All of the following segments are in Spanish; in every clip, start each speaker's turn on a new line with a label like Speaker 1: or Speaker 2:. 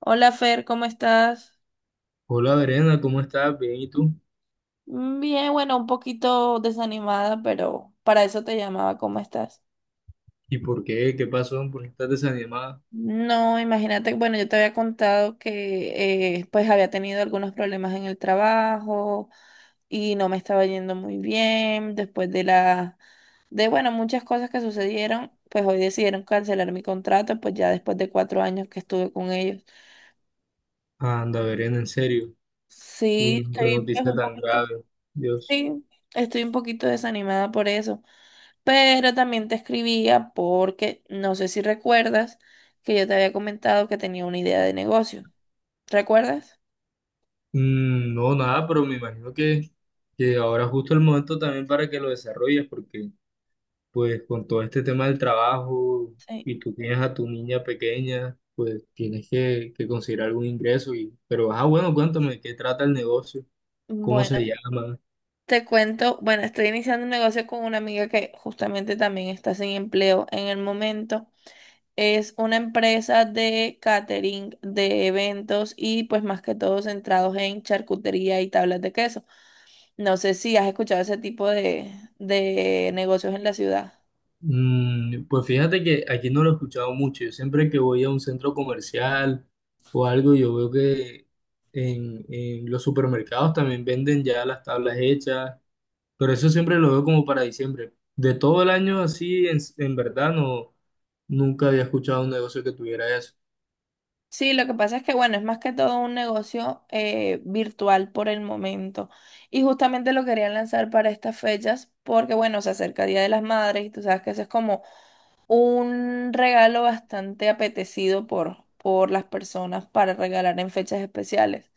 Speaker 1: Hola Fer, ¿cómo estás?
Speaker 2: Hola Verena, ¿cómo estás? Bien, ¿y tú?
Speaker 1: Bien, bueno, un poquito desanimada, pero para eso te llamaba. ¿Cómo estás?
Speaker 2: ¿Y por qué? ¿Qué pasó? ¿Por qué estás desanimada?
Speaker 1: No, imagínate, bueno, yo te había contado que pues había tenido algunos problemas en el trabajo y no me estaba yendo muy bien. Después de la, de bueno, muchas cosas que sucedieron, pues hoy decidieron cancelar mi contrato, pues ya después de 4 años que estuve con ellos.
Speaker 2: Anda, Verena, en serio.
Speaker 1: Sí,
Speaker 2: Uy, no, qué
Speaker 1: estoy pues,
Speaker 2: noticia
Speaker 1: un
Speaker 2: tan
Speaker 1: poquito,
Speaker 2: grave. Dios.
Speaker 1: sí, estoy un poquito desanimada por eso. Pero también te escribía porque no sé si recuerdas que yo te había comentado que tenía una idea de negocio. ¿Recuerdas?
Speaker 2: Mm, no, nada, pero me imagino que ahora es justo el momento también para que lo desarrolles, porque pues con todo este tema del trabajo
Speaker 1: Sí.
Speaker 2: y tú tienes a tu niña pequeña, pues tienes que conseguir algún ingreso. Y, pero, ah, bueno, cuéntame, ¿qué trata el negocio? ¿Cómo
Speaker 1: Bueno,
Speaker 2: se llama?
Speaker 1: te cuento, bueno, estoy iniciando un negocio con una amiga que justamente también está sin empleo en el momento. Es una empresa de catering, de eventos y pues más que todo centrados en charcutería y tablas de queso. No sé si has escuchado ese tipo de negocios en la ciudad.
Speaker 2: Mm, pues fíjate que aquí no lo he escuchado mucho. Yo siempre que voy a un centro comercial o algo, yo veo que en los supermercados también venden ya las tablas hechas, pero eso siempre lo veo como para diciembre. De todo el año así, en verdad, no, nunca había escuchado un negocio que tuviera eso.
Speaker 1: Sí, lo que pasa es que, bueno, es más que todo un negocio virtual por el momento. Y justamente lo quería lanzar para estas fechas porque, bueno, se acerca Día de las Madres y tú sabes que eso es como un regalo bastante apetecido por las personas para regalar en fechas especiales.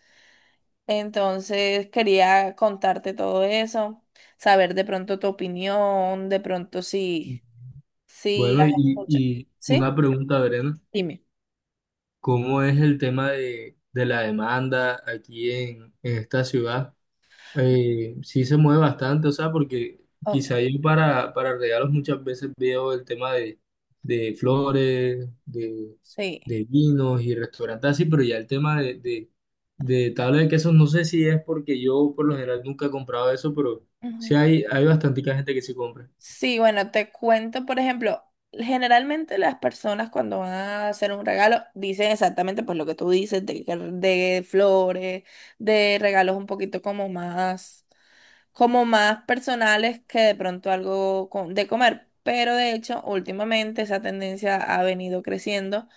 Speaker 1: Entonces, quería contarte todo eso, saber de pronto tu opinión, de pronto si
Speaker 2: Bueno,
Speaker 1: las
Speaker 2: y,
Speaker 1: escuchas.
Speaker 2: y
Speaker 1: ¿Sí?
Speaker 2: una pregunta, Verena,
Speaker 1: Dime.
Speaker 2: ¿cómo es el tema de la demanda aquí en esta ciudad? Sí se mueve bastante, o sea, porque
Speaker 1: Oh,
Speaker 2: quizá yo para regalos muchas veces veo el tema de flores,
Speaker 1: sí.
Speaker 2: de vinos y restaurantes así, pero ya el tema de tabla de quesos, no sé si es porque yo por lo general nunca he comprado eso, pero sí hay bastante gente que se compra.
Speaker 1: Sí, bueno, te cuento, por ejemplo, generalmente las personas cuando van a hacer un regalo dicen exactamente pues lo que tú dices, de flores, de regalos un poquito como más personales que de pronto algo de comer. Pero de hecho, últimamente esa tendencia ha venido creciendo.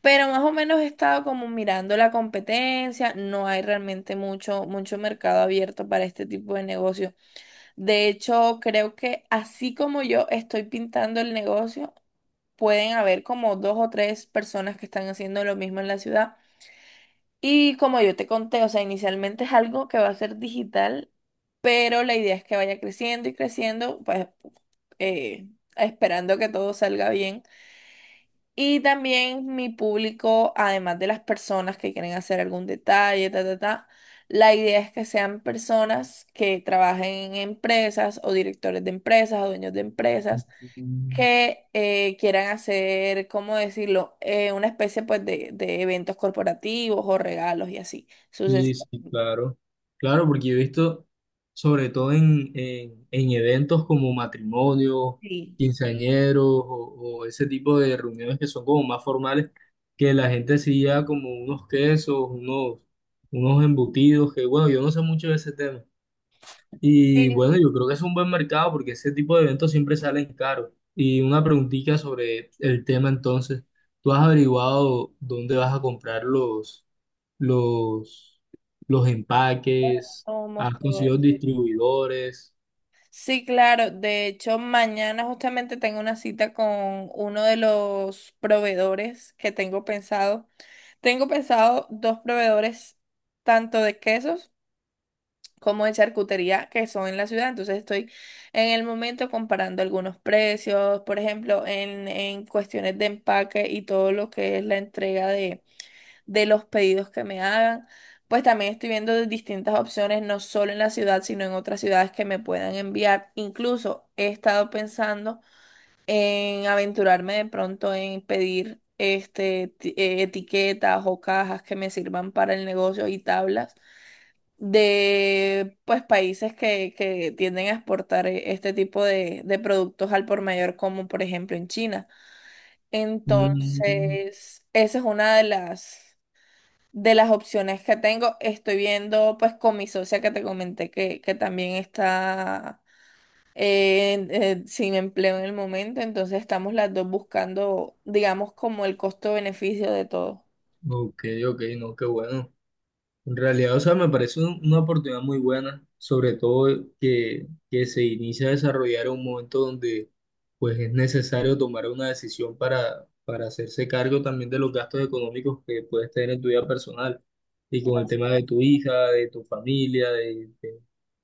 Speaker 1: Pero más o menos he estado como mirando la competencia, no hay realmente mucho, mucho mercado abierto para este tipo de negocio. De hecho, creo que así como yo estoy pintando el negocio, pueden haber como dos o tres personas que están haciendo lo mismo en la ciudad. Y como yo te conté, o sea, inicialmente es algo que va a ser digital, pero la idea es que vaya creciendo y creciendo, pues eh, esperando que todo salga bien. Y también mi público, además de las personas que quieren hacer algún detalle, ta, ta, ta, la idea es que sean personas que trabajen en empresas o directores de empresas o dueños de empresas que quieran hacer, ¿cómo decirlo? Una especie pues de eventos corporativos o regalos y así,
Speaker 2: Sí,
Speaker 1: sucesivamente.
Speaker 2: sí, claro. Claro, porque yo he visto, sobre todo en eventos como matrimonios, quinceañeros o ese tipo de reuniones que son como más formales, que la gente sí lleva como unos quesos, unos, unos embutidos, que bueno, yo no sé mucho de ese tema. Y bueno, yo creo que es un buen mercado porque ese tipo de eventos siempre salen caros. Y una preguntita sobre el tema entonces, ¿tú has averiguado dónde vas a comprar los, los empaques,
Speaker 1: Somos
Speaker 2: has
Speaker 1: todo
Speaker 2: conseguido
Speaker 1: eso.
Speaker 2: distribuidores?
Speaker 1: Sí, claro. De hecho, mañana justamente tengo una cita con uno de los proveedores que tengo pensado. Tengo pensado dos proveedores, tanto de quesos como de charcutería, que son en la ciudad. Entonces estoy en el momento comparando algunos precios, por ejemplo, en cuestiones de empaque y todo lo que es la entrega de los pedidos que me hagan. Pues también estoy viendo de distintas opciones, no solo en la ciudad, sino en otras ciudades que me puedan enviar. Incluso he estado pensando en aventurarme de pronto en pedir etiquetas o cajas que me sirvan para el negocio y tablas de pues países que tienden a exportar este tipo de productos al por mayor, como por ejemplo en China.
Speaker 2: Mm,
Speaker 1: Entonces, esa es una de las opciones que tengo. Estoy viendo pues con mi socia que te comenté que también está sin empleo en el momento, entonces estamos las dos buscando, digamos, como el costo-beneficio de todo.
Speaker 2: ok, ok, no, qué bueno. En realidad, o sea, me parece un- una oportunidad muy buena, sobre todo que se inicia a desarrollar en un momento donde pues es necesario tomar una decisión para hacerse cargo también de los gastos económicos que puedes tener en tu vida personal y con el
Speaker 1: Así
Speaker 2: tema de
Speaker 1: es.
Speaker 2: tu hija, de tu familia, de-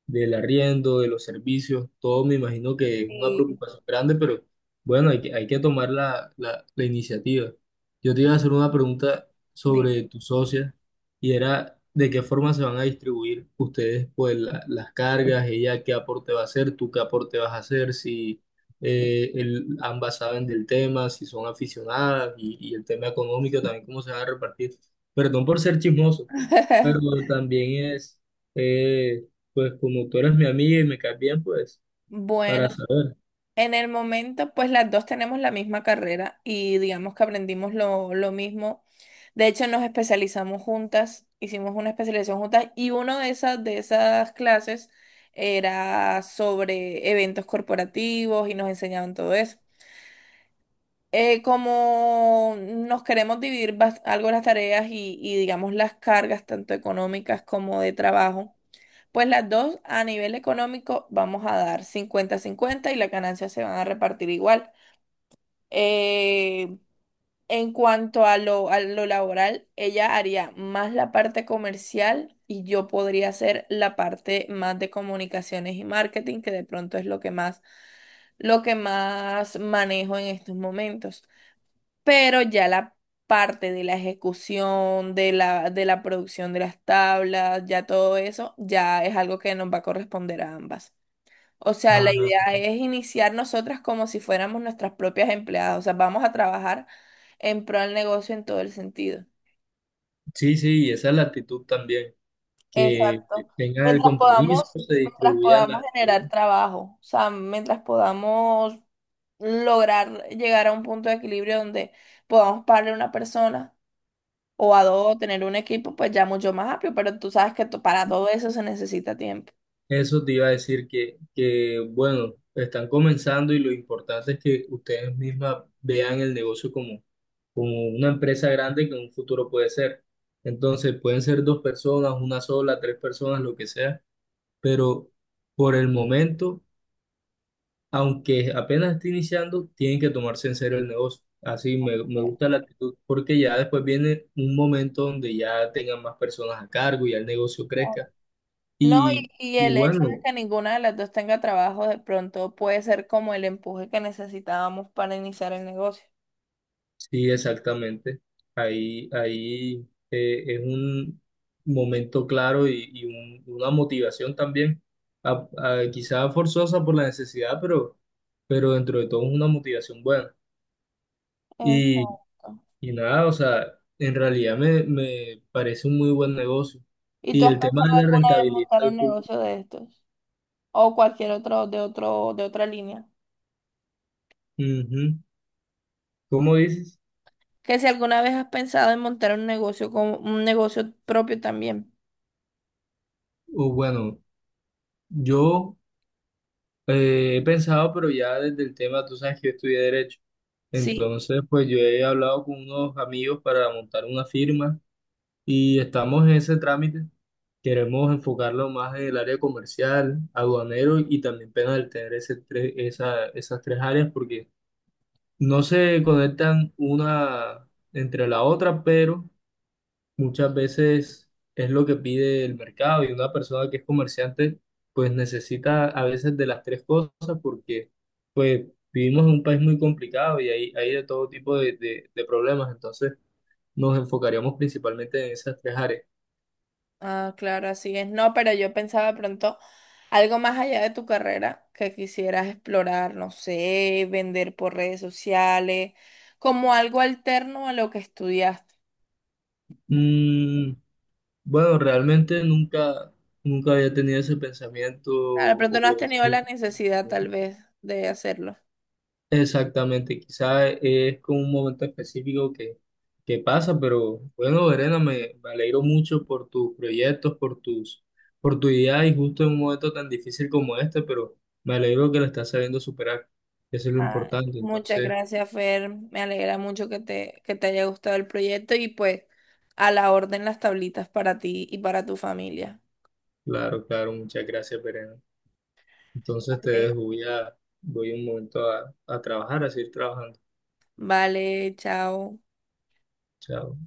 Speaker 2: del arriendo, de los servicios, todo me imagino que es una
Speaker 1: Y
Speaker 2: preocupación grande, pero bueno, hay que tomar la, la, la iniciativa. Yo te iba a hacer una pregunta
Speaker 1: dime.
Speaker 2: sobre tu socia y era de qué forma se van a distribuir ustedes pues la- las cargas, ella qué aporte va a hacer, tú qué aporte vas a hacer, si el- ambas saben del tema, si son aficionadas y el tema económico también cómo se va a repartir. Perdón por ser chismoso, pero también es, eh, pues como tú eres mi amiga y me caes bien, pues
Speaker 1: Bueno,
Speaker 2: para saber.
Speaker 1: en el momento, pues las dos tenemos la misma carrera y digamos que aprendimos lo mismo. De hecho, nos especializamos juntas, hicimos una especialización juntas y una de esas clases era sobre eventos corporativos y nos enseñaban todo eso. Como nos queremos dividir algo las tareas y digamos las cargas, tanto económicas como de trabajo, pues las dos a nivel económico vamos a dar cincuenta cincuenta y las ganancias se van a repartir igual. Eh, en cuanto a lo, laboral, ella haría más la parte comercial y yo podría hacer la parte más de comunicaciones y marketing, que de pronto es lo que más manejo en estos momentos, pero ya la parte de la ejecución, de la producción de las tablas, ya todo eso, ya es algo que nos va a corresponder a ambas. O sea, la
Speaker 2: Ah,
Speaker 1: idea es iniciar nosotras como si fuéramos nuestras propias empleadas, o sea, vamos a trabajar en pro del negocio en todo el sentido.
Speaker 2: sí, sí, y esa es la actitud también, que
Speaker 1: Exacto.
Speaker 2: tengan el
Speaker 1: Mientras
Speaker 2: compromiso,
Speaker 1: podamos,
Speaker 2: se
Speaker 1: mientras
Speaker 2: distribuyan
Speaker 1: podamos
Speaker 2: las...
Speaker 1: generar trabajo, o sea, mientras podamos lograr llegar a un punto de equilibrio donde podamos pagarle a una persona o a dos, tener un equipo pues ya mucho más amplio, pero tú sabes que para todo eso se necesita tiempo.
Speaker 2: Eso te iba a decir que, bueno, están comenzando y lo importante es que ustedes mismas vean el negocio como, como una empresa grande que en un futuro puede ser. Entonces, pueden ser dos personas, una sola, tres personas, lo que sea, pero por el momento, aunque apenas esté iniciando, tienen que tomarse en serio el negocio. Así me, me gusta la actitud porque ya después viene un momento donde ya tengan más personas a cargo y ya el negocio crezca.
Speaker 1: No,
Speaker 2: Y,
Speaker 1: y
Speaker 2: y
Speaker 1: el hecho de
Speaker 2: bueno.
Speaker 1: que ninguna de las dos tenga trabajo de pronto puede ser como el empuje que necesitábamos para iniciar el negocio.
Speaker 2: Sí, exactamente. Ahí, ahí es un momento claro y un- una motivación también, a- quizá forzosa por la necesidad, pero dentro de todo es una motivación buena. Y,
Speaker 1: Exacto.
Speaker 2: y nada, o sea, en realidad me, me parece un muy buen negocio.
Speaker 1: ¿Y tú
Speaker 2: Y
Speaker 1: has
Speaker 2: el tema
Speaker 1: pensado
Speaker 2: de la
Speaker 1: alguna vez
Speaker 2: rentabilidad.
Speaker 1: montar un negocio de estos? O cualquier otro, de otra línea.
Speaker 2: Ujú. ¿Cómo dices?
Speaker 1: Que si alguna vez has pensado en montar un negocio con un negocio propio también.
Speaker 2: O bueno, yo he pensado, pero ya desde el tema, tú sabes que yo estudié derecho.
Speaker 1: Sí.
Speaker 2: Entonces, pues yo he hablado con unos amigos para montar una firma y estamos en ese trámite. Queremos enfocarlo más en el área comercial, aduanero y también penal, tener ese tres- esa- esas tres áreas porque no se conectan una entre la otra, pero muchas veces es lo que pide el mercado y una persona que es comerciante pues necesita a veces de las tres cosas porque pues vivimos en un país muy complicado y hay de todo tipo de problemas, entonces nos enfocaríamos principalmente en esas tres áreas.
Speaker 1: Ah, claro, así es. No, pero yo pensaba de pronto algo más allá de tu carrera que quisieras explorar, no sé, vender por redes sociales, como algo alterno a lo que estudiaste.
Speaker 2: Mm, bueno, realmente nunca, nunca había tenido ese pensamiento
Speaker 1: Ah, de pronto
Speaker 2: o
Speaker 1: no has tenido la necesidad tal vez de hacerlo.
Speaker 2: exactamente, quizá es como un momento específico que pasa, pero bueno, Verena, me alegro mucho por tus proyectos, por tus, por tu idea y justo en un momento tan difícil como este, pero me alegro que lo estás sabiendo superar, eso es lo
Speaker 1: Ay,
Speaker 2: importante,
Speaker 1: muchas
Speaker 2: entonces,
Speaker 1: gracias, Fer. Me alegra mucho que te, haya gustado el proyecto y pues a la orden las tablitas para ti y para tu familia.
Speaker 2: claro, claro, muchas gracias, Verena. Entonces te
Speaker 1: Vale,
Speaker 2: dejo, voy a, voy un momento a trabajar, a seguir trabajando.
Speaker 1: vale, chao.
Speaker 2: Chao.